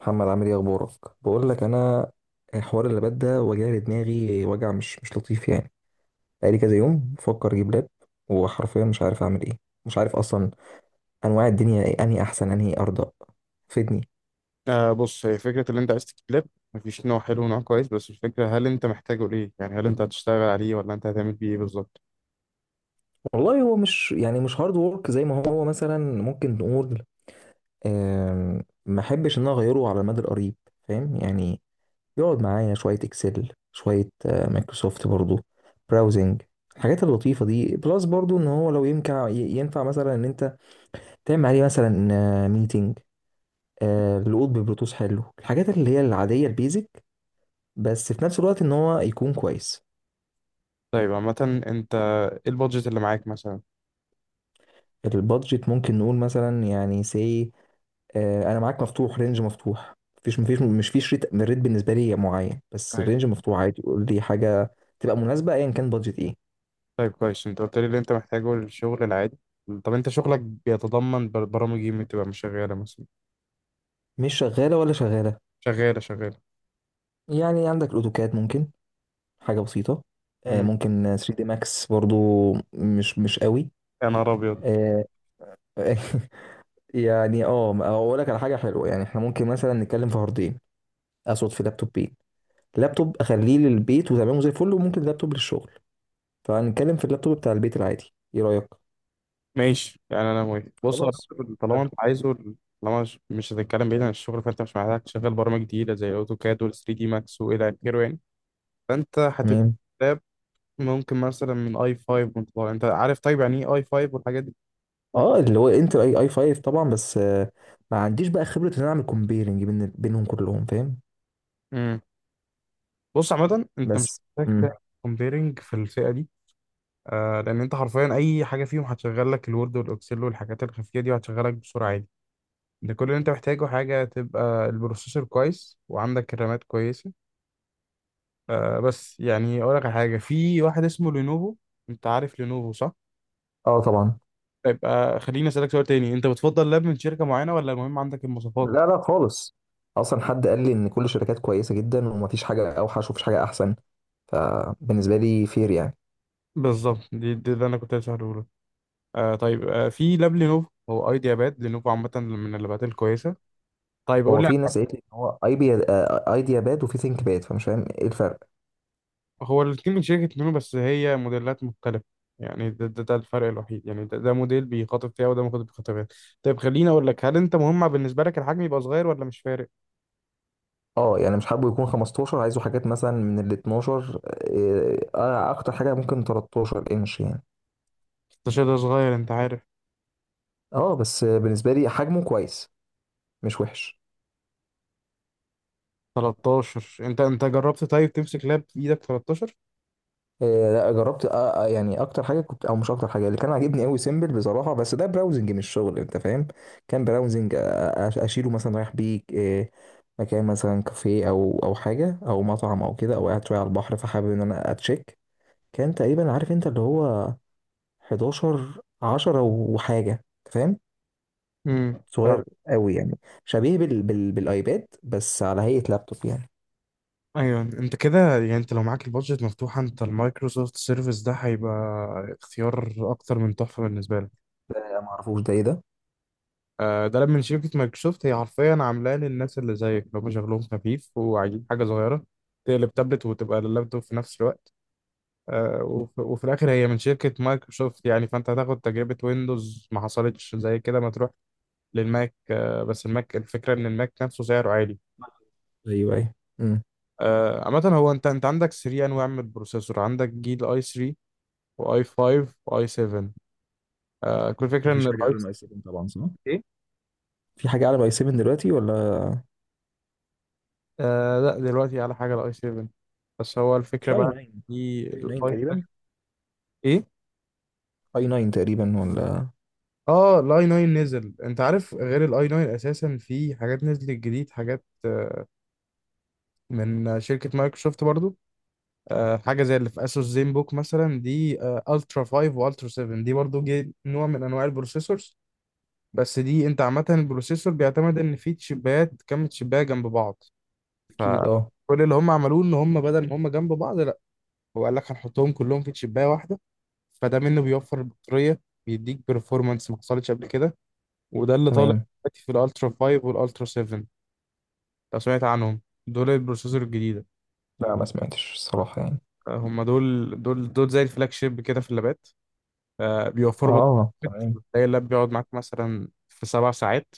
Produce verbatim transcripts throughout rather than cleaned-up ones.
محمد، عامل ايه؟ اخبارك؟ بقول لك انا، الحوار اللي بدا وجع دماغي، وجع مش مش لطيف يعني. بقالي كذا يوم بفكر اجيب لاب، وحرفيا مش عارف اعمل ايه. مش عارف اصلا انواع الدنيا ايه، انهي احسن، انهي ارضى. فدني. آه بص، هي فكرة اللي انت عايز تكليب. مفيش نوع حلو ونوع كويس، بس الفكرة هل انت محتاجه ليه؟ يعني هل انت هتشتغل عليه ولا انت هتعمل بيه ايه بالظبط؟ والله هو مش يعني، مش هارد وورك زي ما هو مثلا ممكن نقول. آم، ما احبش ان انا اغيره على المدى القريب، فاهم يعني. يقعد معايا شويه اكسل، شويه آه، مايكروسوفت برضو، براوزنج، الحاجات اللطيفه دي. بلس برضو ان هو لو ينفع، ينفع مثلا ان انت تعمل عليه مثلا ميتنج، القط ببلوتوث، حلو. الحاجات اللي هي العادية، البيزك، بس في نفس الوقت ان هو يكون كويس. طيب، عامة انت ايه البادجت اللي معاك مثلا؟ البادجت ممكن نقول مثلا يعني سي، انا معاك مفتوح، رينج مفتوح. مفيش مفيش مش فيش ريت. الريت بالنسبة لي معين بس طيب. الرينج مفتوح عادي. قول لي حاجة تبقى مناسبة ايا كان بادجت ايه. طيب، كويس، انت قلت لي اللي انت محتاجه للشغل العادي. طب انت شغلك بيتضمن بر- برامج ايه اللي بتبقى مش شغالة مثلا؟ مش شغالة ولا شغالة؟ شغالة، شغالة. يعني عندك الاوتوكاد ممكن، حاجة بسيطة. آه، امم ممكن ثري دي ماكس برضو. مش مش قوي. يا نهار ابيض! آه، يعني اه اقول لك على حاجه حلوه. يعني احنا ممكن مثلا نتكلم في هاردين، اقصد في لابتوبين. لابتوب اخليه للبيت وتمام زي الفل، وممكن لابتوب للشغل. فهنتكلم في اللابتوب بتاع البيت العادي، ايه رايك؟ ماشي، يعني انا موافق. بص، هو خلاص. طالما حلو. انت عايزه، طالما مش مش هتتكلم بعيد عن الشغل، فانت مش محتاج تشغل برامج جديدة زي الاوتوكاد وال ثري دي ماكس والى اخره يعني. فانت تمام. هتبقى ممكن مثلا من اي فايف وانت طالع، انت عارف؟ طيب، يعني ايه اي فايف والحاجات دي. اه، اللي هو انتل اي اي خمسة طبعا، بس آه، ما عنديش بقى خبره ان انا اعمل كومبيرنج بين بينهم كلهم، فاهم. امم بص، عامة انت مش بس. محتاج امم تعمل كومبيرنج في الفئة دي. آه لان انت حرفيا اي حاجة فيهم هتشغل لك الوورد والاكسل والحاجات الخفية دي، وهتشغلك بسرعة عادي. ده كل اللي انت محتاجه، حاجة تبقى البروسيسور كويس وعندك الرامات كويسة. آه بس يعني اقول لك على حاجة، في واحد اسمه لينوفو. انت عارف لينوفو صح؟ اه، طبعا. يبقى خليني اسألك سؤال تاني، انت بتفضل لاب من شركة معينة ولا المهم عندك المواصفات؟ لا، لا، خالص. اصلا حد قال لي ان كل الشركات كويسه جدا، ومفيش حاجه اوحش ومفيش حاجه احسن. فبالنسبه لي فير يعني. بالظبط، دي, دي ده انا كنت هسأله. آه طيب، آه في لاب لينوفو، هو ايديا باد. لينوفو عامة من اللابات الكويسة. طيب، هو أقول لك. في ناس قالت لي ان هو ايديا ايديا باد، وفي ثينك باد، فمش فاهم ايه الفرق. هو الاتنين من شركة لينوفو بس هي موديلات مختلفة. يعني ده, ده, ده الفرق الوحيد، يعني ده, ده موديل بيخاطب فيها وده موديل بيخاطب فيها. طيب، خليني أقول لك، هل أنت مهم بالنسبة لك الحجم يبقى صغير ولا مش فارق؟ اه، يعني مش حابه يكون خمستاشر، عايزه حاجات مثلا من ال اتناشر، آه، آه، اكتر حاجه ممكن تلتاشر انش يعني. ستة عشر ده صغير، أنت عارف. اه بس بالنسبه لي حجمه كويس، مش وحش. تلتاشر، أنت أنت جربت طيب تمسك لاب في إيدك تلتاشر؟ آه، لا، جربت. آه، آه، يعني، اكتر حاجه كنت او مش اكتر حاجه اللي كان عاجبني قوي سيمبل بصراحه، بس ده براوزنج مش شغل، انت فاهم. كان براوزنج. آه، آه، أش- اشيله مثلا، رايح بيه آه، مكان، مثلا كافيه او او حاجه، او مطعم، او كده، او قاعد شويه على البحر، فحابب ان انا اتشيك. كان تقريبا، عارف انت اللي هو حداشر عشرة وحاجه. أنت فاهم. امم ف- صغير قوي يعني. شبيه بال... بال... بالايباد، بس على هيئه لابتوب يعني. ايوه، انت كده، يعني انت لو معاك البادجت مفتوحه، انت المايكروسوفت سيرفيس ده هيبقى اختيار اكتر من تحفه بالنسبه لك. ده ما اعرفوش ده، ايه ده؟ آه، ده من شركة مايكروسوفت. هي حرفيا عاملاه للناس اللي زيك، اللي هم شغلهم خفيف وعايزين حاجة صغيرة تقلب تابلت وتبقى لللابتوب في نفس الوقت. آه، وف- وفي الآخر هي من شركة مايكروسوفت يعني، فأنت هتاخد تجربة ويندوز ما حصلتش زي كده ما تروح للماك. آه، بس الماك الفكرة إن الماك نفسه سعره عالي. ايوه، ايوه. امم آه، عامة هو أنت أنت عندك ثلاث أنواع من البروسيسور، عندك جيل أي ثري وأي فايف وأي سفن. كل فكرة إن مفيش حاجه الأي... اعلى من اي سفن طبعا، صح؟ في حاجه اعلى من اي سفن دلوقتي ولا؟ آه لا، دلوقتي على حاجة الاي سفن. بس هو الفكرة في اي بقى، ناين، في اي ناين الاي تقريبا. ايه؟ اي ناين تقريبا ولا؟ اه الاي ناين نزل، انت عارف، غير الاي ناين اساسا في حاجات نزلت جديد، حاجات آه، من شركة مايكروسوفت برضو. آه، حاجة زي اللي في اسوس زين بوك مثلا دي. الترا فايف والترا سفن، دي برضو جي نوع من انواع البروسيسورز. بس دي، انت عامة البروسيسور بيعتمد ان في تشيبات، كم تشيبايه جنب بعض. اكيد، اه. فكل اللي هم عملوه ان هم بدل ما هم جنب بعض، لا، هو قال لك هنحطهم كلهم في تشيبايه واحدة. فده منه بيوفر البطارية، بيديك performance ما حصلتش قبل كده، وده اللي طالع تمام. دلوقتي في الالترا فايف والالترا سفن، لو سمعت عنهم. دول البروسيسور الجديدة. لا ما سمعتش الصراحه يعني. آه، هم دول دول دول زي الفلاج شيب كده في اللابات. آه، بيوفروا اه، بطارية، تمام. بتلاقي اللاب بيقعد معاك مثلا في سبع ساعات.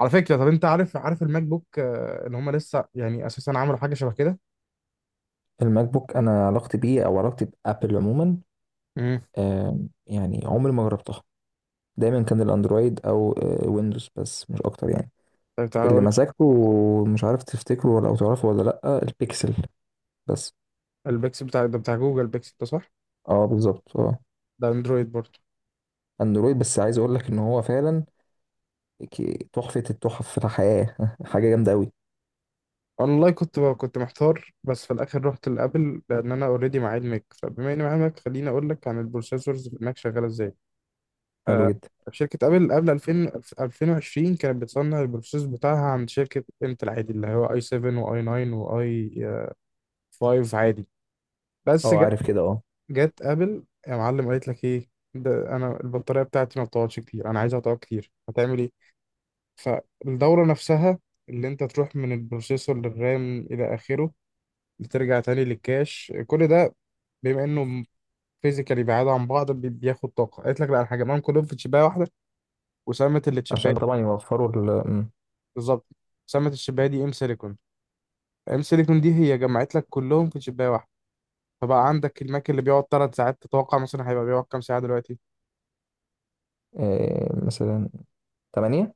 على فكرة، طب انت عارف عارف الماك بوك آه، ان هم لسه يعني اساسا عملوا حاجة شبه كده. الماك بوك، انا علاقتي بيه او علاقتي بابل عموما، امم آه، يعني عمري ما جربتها. دايما كان الاندرويد او آه، ويندوز بس، مش اكتر يعني. طب تعالى اللي اقول لك. مسكته، مش عارف تفتكره ولا او تعرفه ولا، لا، البيكسل. بس. البيكسل بتاع ده، بتاع جوجل بيكسل ده، صح؟ اه، بالظبط، اه. ده اندرويد برضه. اندرويد، بس عايز اقول لك ان هو فعلا ك- تحفة التحف في الحياة. حاجة جامدة قوي. والله كنت بقى كنت محتار، بس في الاخر رحت لابل، لان انا اوريدي معايا الماك، فبما اني معايا الماك خليني اقول لك عن البروسيسورز في الماك شغاله ازاي. حلو آه جدا. شركه ابل قبل ألفين ألفين وعشرين كانت بتصنع البروسيسور بتاعها عند شركه انتل عادي، اللي هو اي سفن واي ناين واي فايف عادي. بس اه، جت عارف كده، اه. جت ابل يا معلم قالت لك ايه؟ ده انا البطاريه بتاعتي ما بتقعدش كتير، انا عايزها تقعد كتير، هتعمل ايه؟ فالدوره نفسها اللي انت تروح من البروسيسور للرام الى اخره، بترجع تاني للكاش، كل ده، بما انه فيزيكالي بعاد عن بعض، بي- بياخد طاقه. قالت لك لا، انا هجمعهم كلهم في تشيبايه واحده وسمت اللي عشان تشيبايه. طبعا يوفروا ال م- بالظبط، سمت التشيبايه دي ام سيليكون. ام سيليكون دي هي جمعت لك كلهم في تشيبايه واحده. فبقى عندك الماك اللي بيقعد ثلاث ساعات، تتوقع مثلا هيبقى بيقعد كام ساعه دلوقتي؟ آه، مثلا تمانية.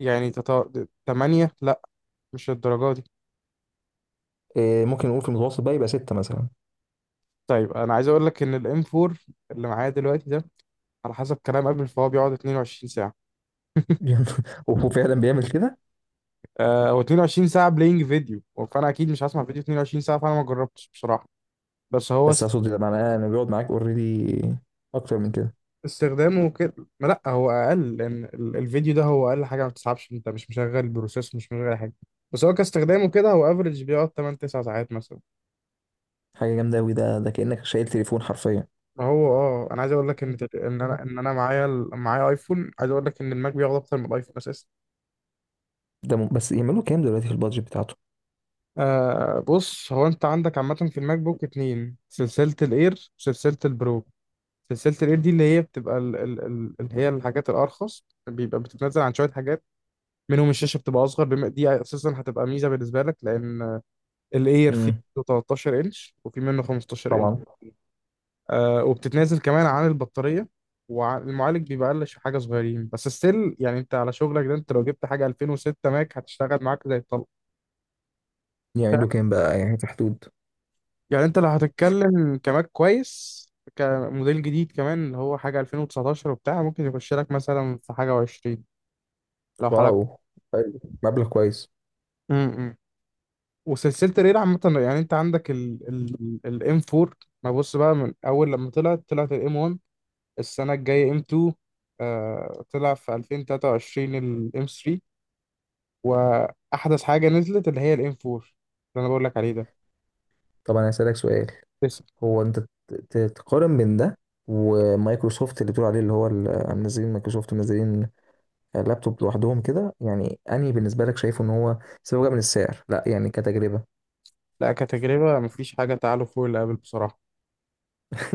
يعني تط- تمانية؟ لا، مش الدرجه دي. ممكن نقول في المتوسط بقى يبقى ستة مثلا. طيب انا عايز اقول لك ان الام فور اللي معايا دلوقتي ده، على حسب كلام قبل، فهو بيقعد اثنين وعشرين. وهو فعلا بيعمل كده. آه، هو اتنين وعشرين ساعة بلاينج فيديو، فأنا أكيد مش هسمع فيديو اتنين وعشرين ساعة، فأنا ما جربتش بصراحة. بس هو بس است- اقصد لما انا أنا بيقعد معاك اوريدي اكتر من كده. استخدامه كده، ما، لا، هو أقل، لأن ال- الفيديو ده هو أقل حاجة ما بتسحبش، أنت مش مشغل بروسيس، مش مشغل أي حاجة. بس هو كاستخدامه كده هو افريج بيقعد ثمانية تسعة ساعات مثلا. حاجه جامده قوي. ده ده كانك شايل تليفون حرفيا. ما هو اه، انا عايز اقول لك ان تل- ان انا ان انا معايا ال- معايا ايفون، عايز اقول لك ان الماك بياخد اكتر من الايفون اساسا. ده م... بس يعملوا كام دلوقتي في البادجت بتاعته؟ آه بص، هو انت عندك عامة في الماك بوك اتنين، سلسلة الاير وسلسلة البرو. سلسلة الإير دي اللي هي بتبقى ال ال ال اللي هي الحاجات الأرخص، بيبقى بتتنزل عن شوية حاجات، منهم الشاشة بتبقى أصغر، بما دي أساسا هتبقى ميزة بالنسبة لك، لأن الإير فيه امم تلتاشر إنش وفي منه خمستاشر إنش. طبعا. آه وبتتنازل كمان عن البطارية، والمعالج بيبقى أقل، ش- حاجة صغيرين بس ستيل، يعني أنت على شغلك ده، أنت لو جبت حاجة ألفين وستة ماك هتشتغل معاك زي الطلق. يعملوا كام بقى، يعني في حدود؟ يعني أنت لو هتتكلم كماك كويس كموديل جديد كمان، اللي هو حاجة ألفين وتسعتاشر وبتاع، ممكن يخش لك مثلا في حاجة و20 لو... واو، حلو. مبلغ كويس. امم وسلسله الريل عامه، يعني انت عندك ال ال الام فور. ما بص بقى، من اول لما طلعت طلعت الام ون، السنه الجايه ام اتنين، آه طلع في ألفين وتلاتة وعشرين الام ثلاثة، واحدث حاجه نزلت اللي هي الام فور اللي انا بقول لك عليه ده. طبعا. انا هسألك سؤال. لسه. هو انت ت- ت- تقارن بين ده ومايكروسوفت اللي بتقول عليه، اللي هو ال- منزلين، مايكروسوفت منزلين لابتوب لوحدهم كده. يعني انهي بالنسبه لك، شايفه ان هو سواء بقى من السعر؟ لا يعني كتجربه. لا كتجربه مفيش حاجه تعالوا فوق اللي قبل بصراحه.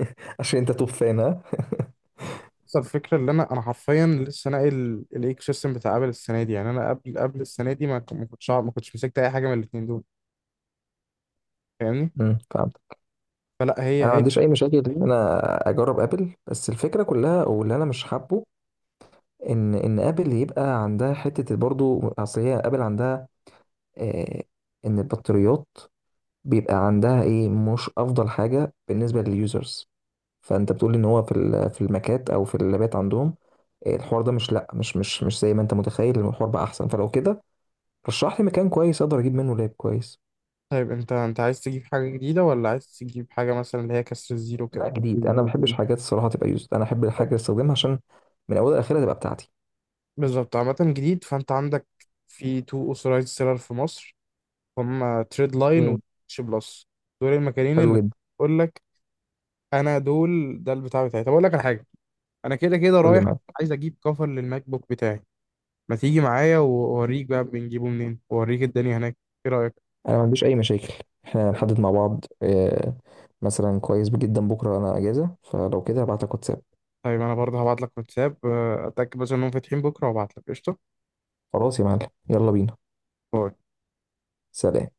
عشان انت توب فان، ها. بس الفكره، اللي انا انا حرفيا لسه ناقل الايكو سيستم بتاع ابل السنه دي، يعني انا قبل قبل السنه دي، ما ك- ما كنتش ما كنتش مسكت اي حاجه من الاثنين دول. فاهمني؟ امم فلا، هي انا ما هي. عنديش اي مشاكل ان انا اجرب ابل، بس الفكره كلها واللي انا مش حابه ان ان ابل يبقى عندها حته برضو، اصل هي ابل عندها آه، ان البطاريات بيبقى عندها ايه مش افضل حاجه بالنسبه لليوزرز. فانت بتقول ان هو في ال- في الماكات او في اللابات عندهم آه، الحوار ده مش، لا، مش مش مش زي ما انت متخيل، الحوار بقى احسن. فلو كده، رشح لي مكان كويس اقدر اجيب منه لاب كويس. طيب انت انت عايز تجيب حاجة جديدة، ولا عايز تجيب حاجة مثلا اللي هي كسر الزيرو لا، كده؟ جديد. انا ما بحبش حاجات الصراحه تبقى يوزد، انا احب الحاجه اللي استخدمها عشان من اولها لاخرها تبقى بتاعتي. بالظبط، عامة جديد، فانت عندك في تو اوثورايزد سيلر في مصر، هم تريد لاين وتش بلس. دول المكانين حلو اللي جدا. بقول لك. انا دول ده البتاع بتاعي. طب اقول لك على حاجة، انا كده كده قول لي، رايح، معاك. عايز اجيب كفر للماك بوك بتاعي، ما تيجي معايا واوريك بقى بنجيبه منين، واوريك الدنيا هناك، ايه رأيك؟ انا ما عنديش اي مشاكل، احنا هنحدد مع بعض. آه، مثلا كويس جدا، بكره انا اجازه، فلو كده هبعت لك واتساب. طيب انا برضه هبعت لك واتساب، اه، اتاكد بس انهم فاتحين بكرة وابعت لك قشطة. خلاص يا معلم، يلا بينا. باي. سلام.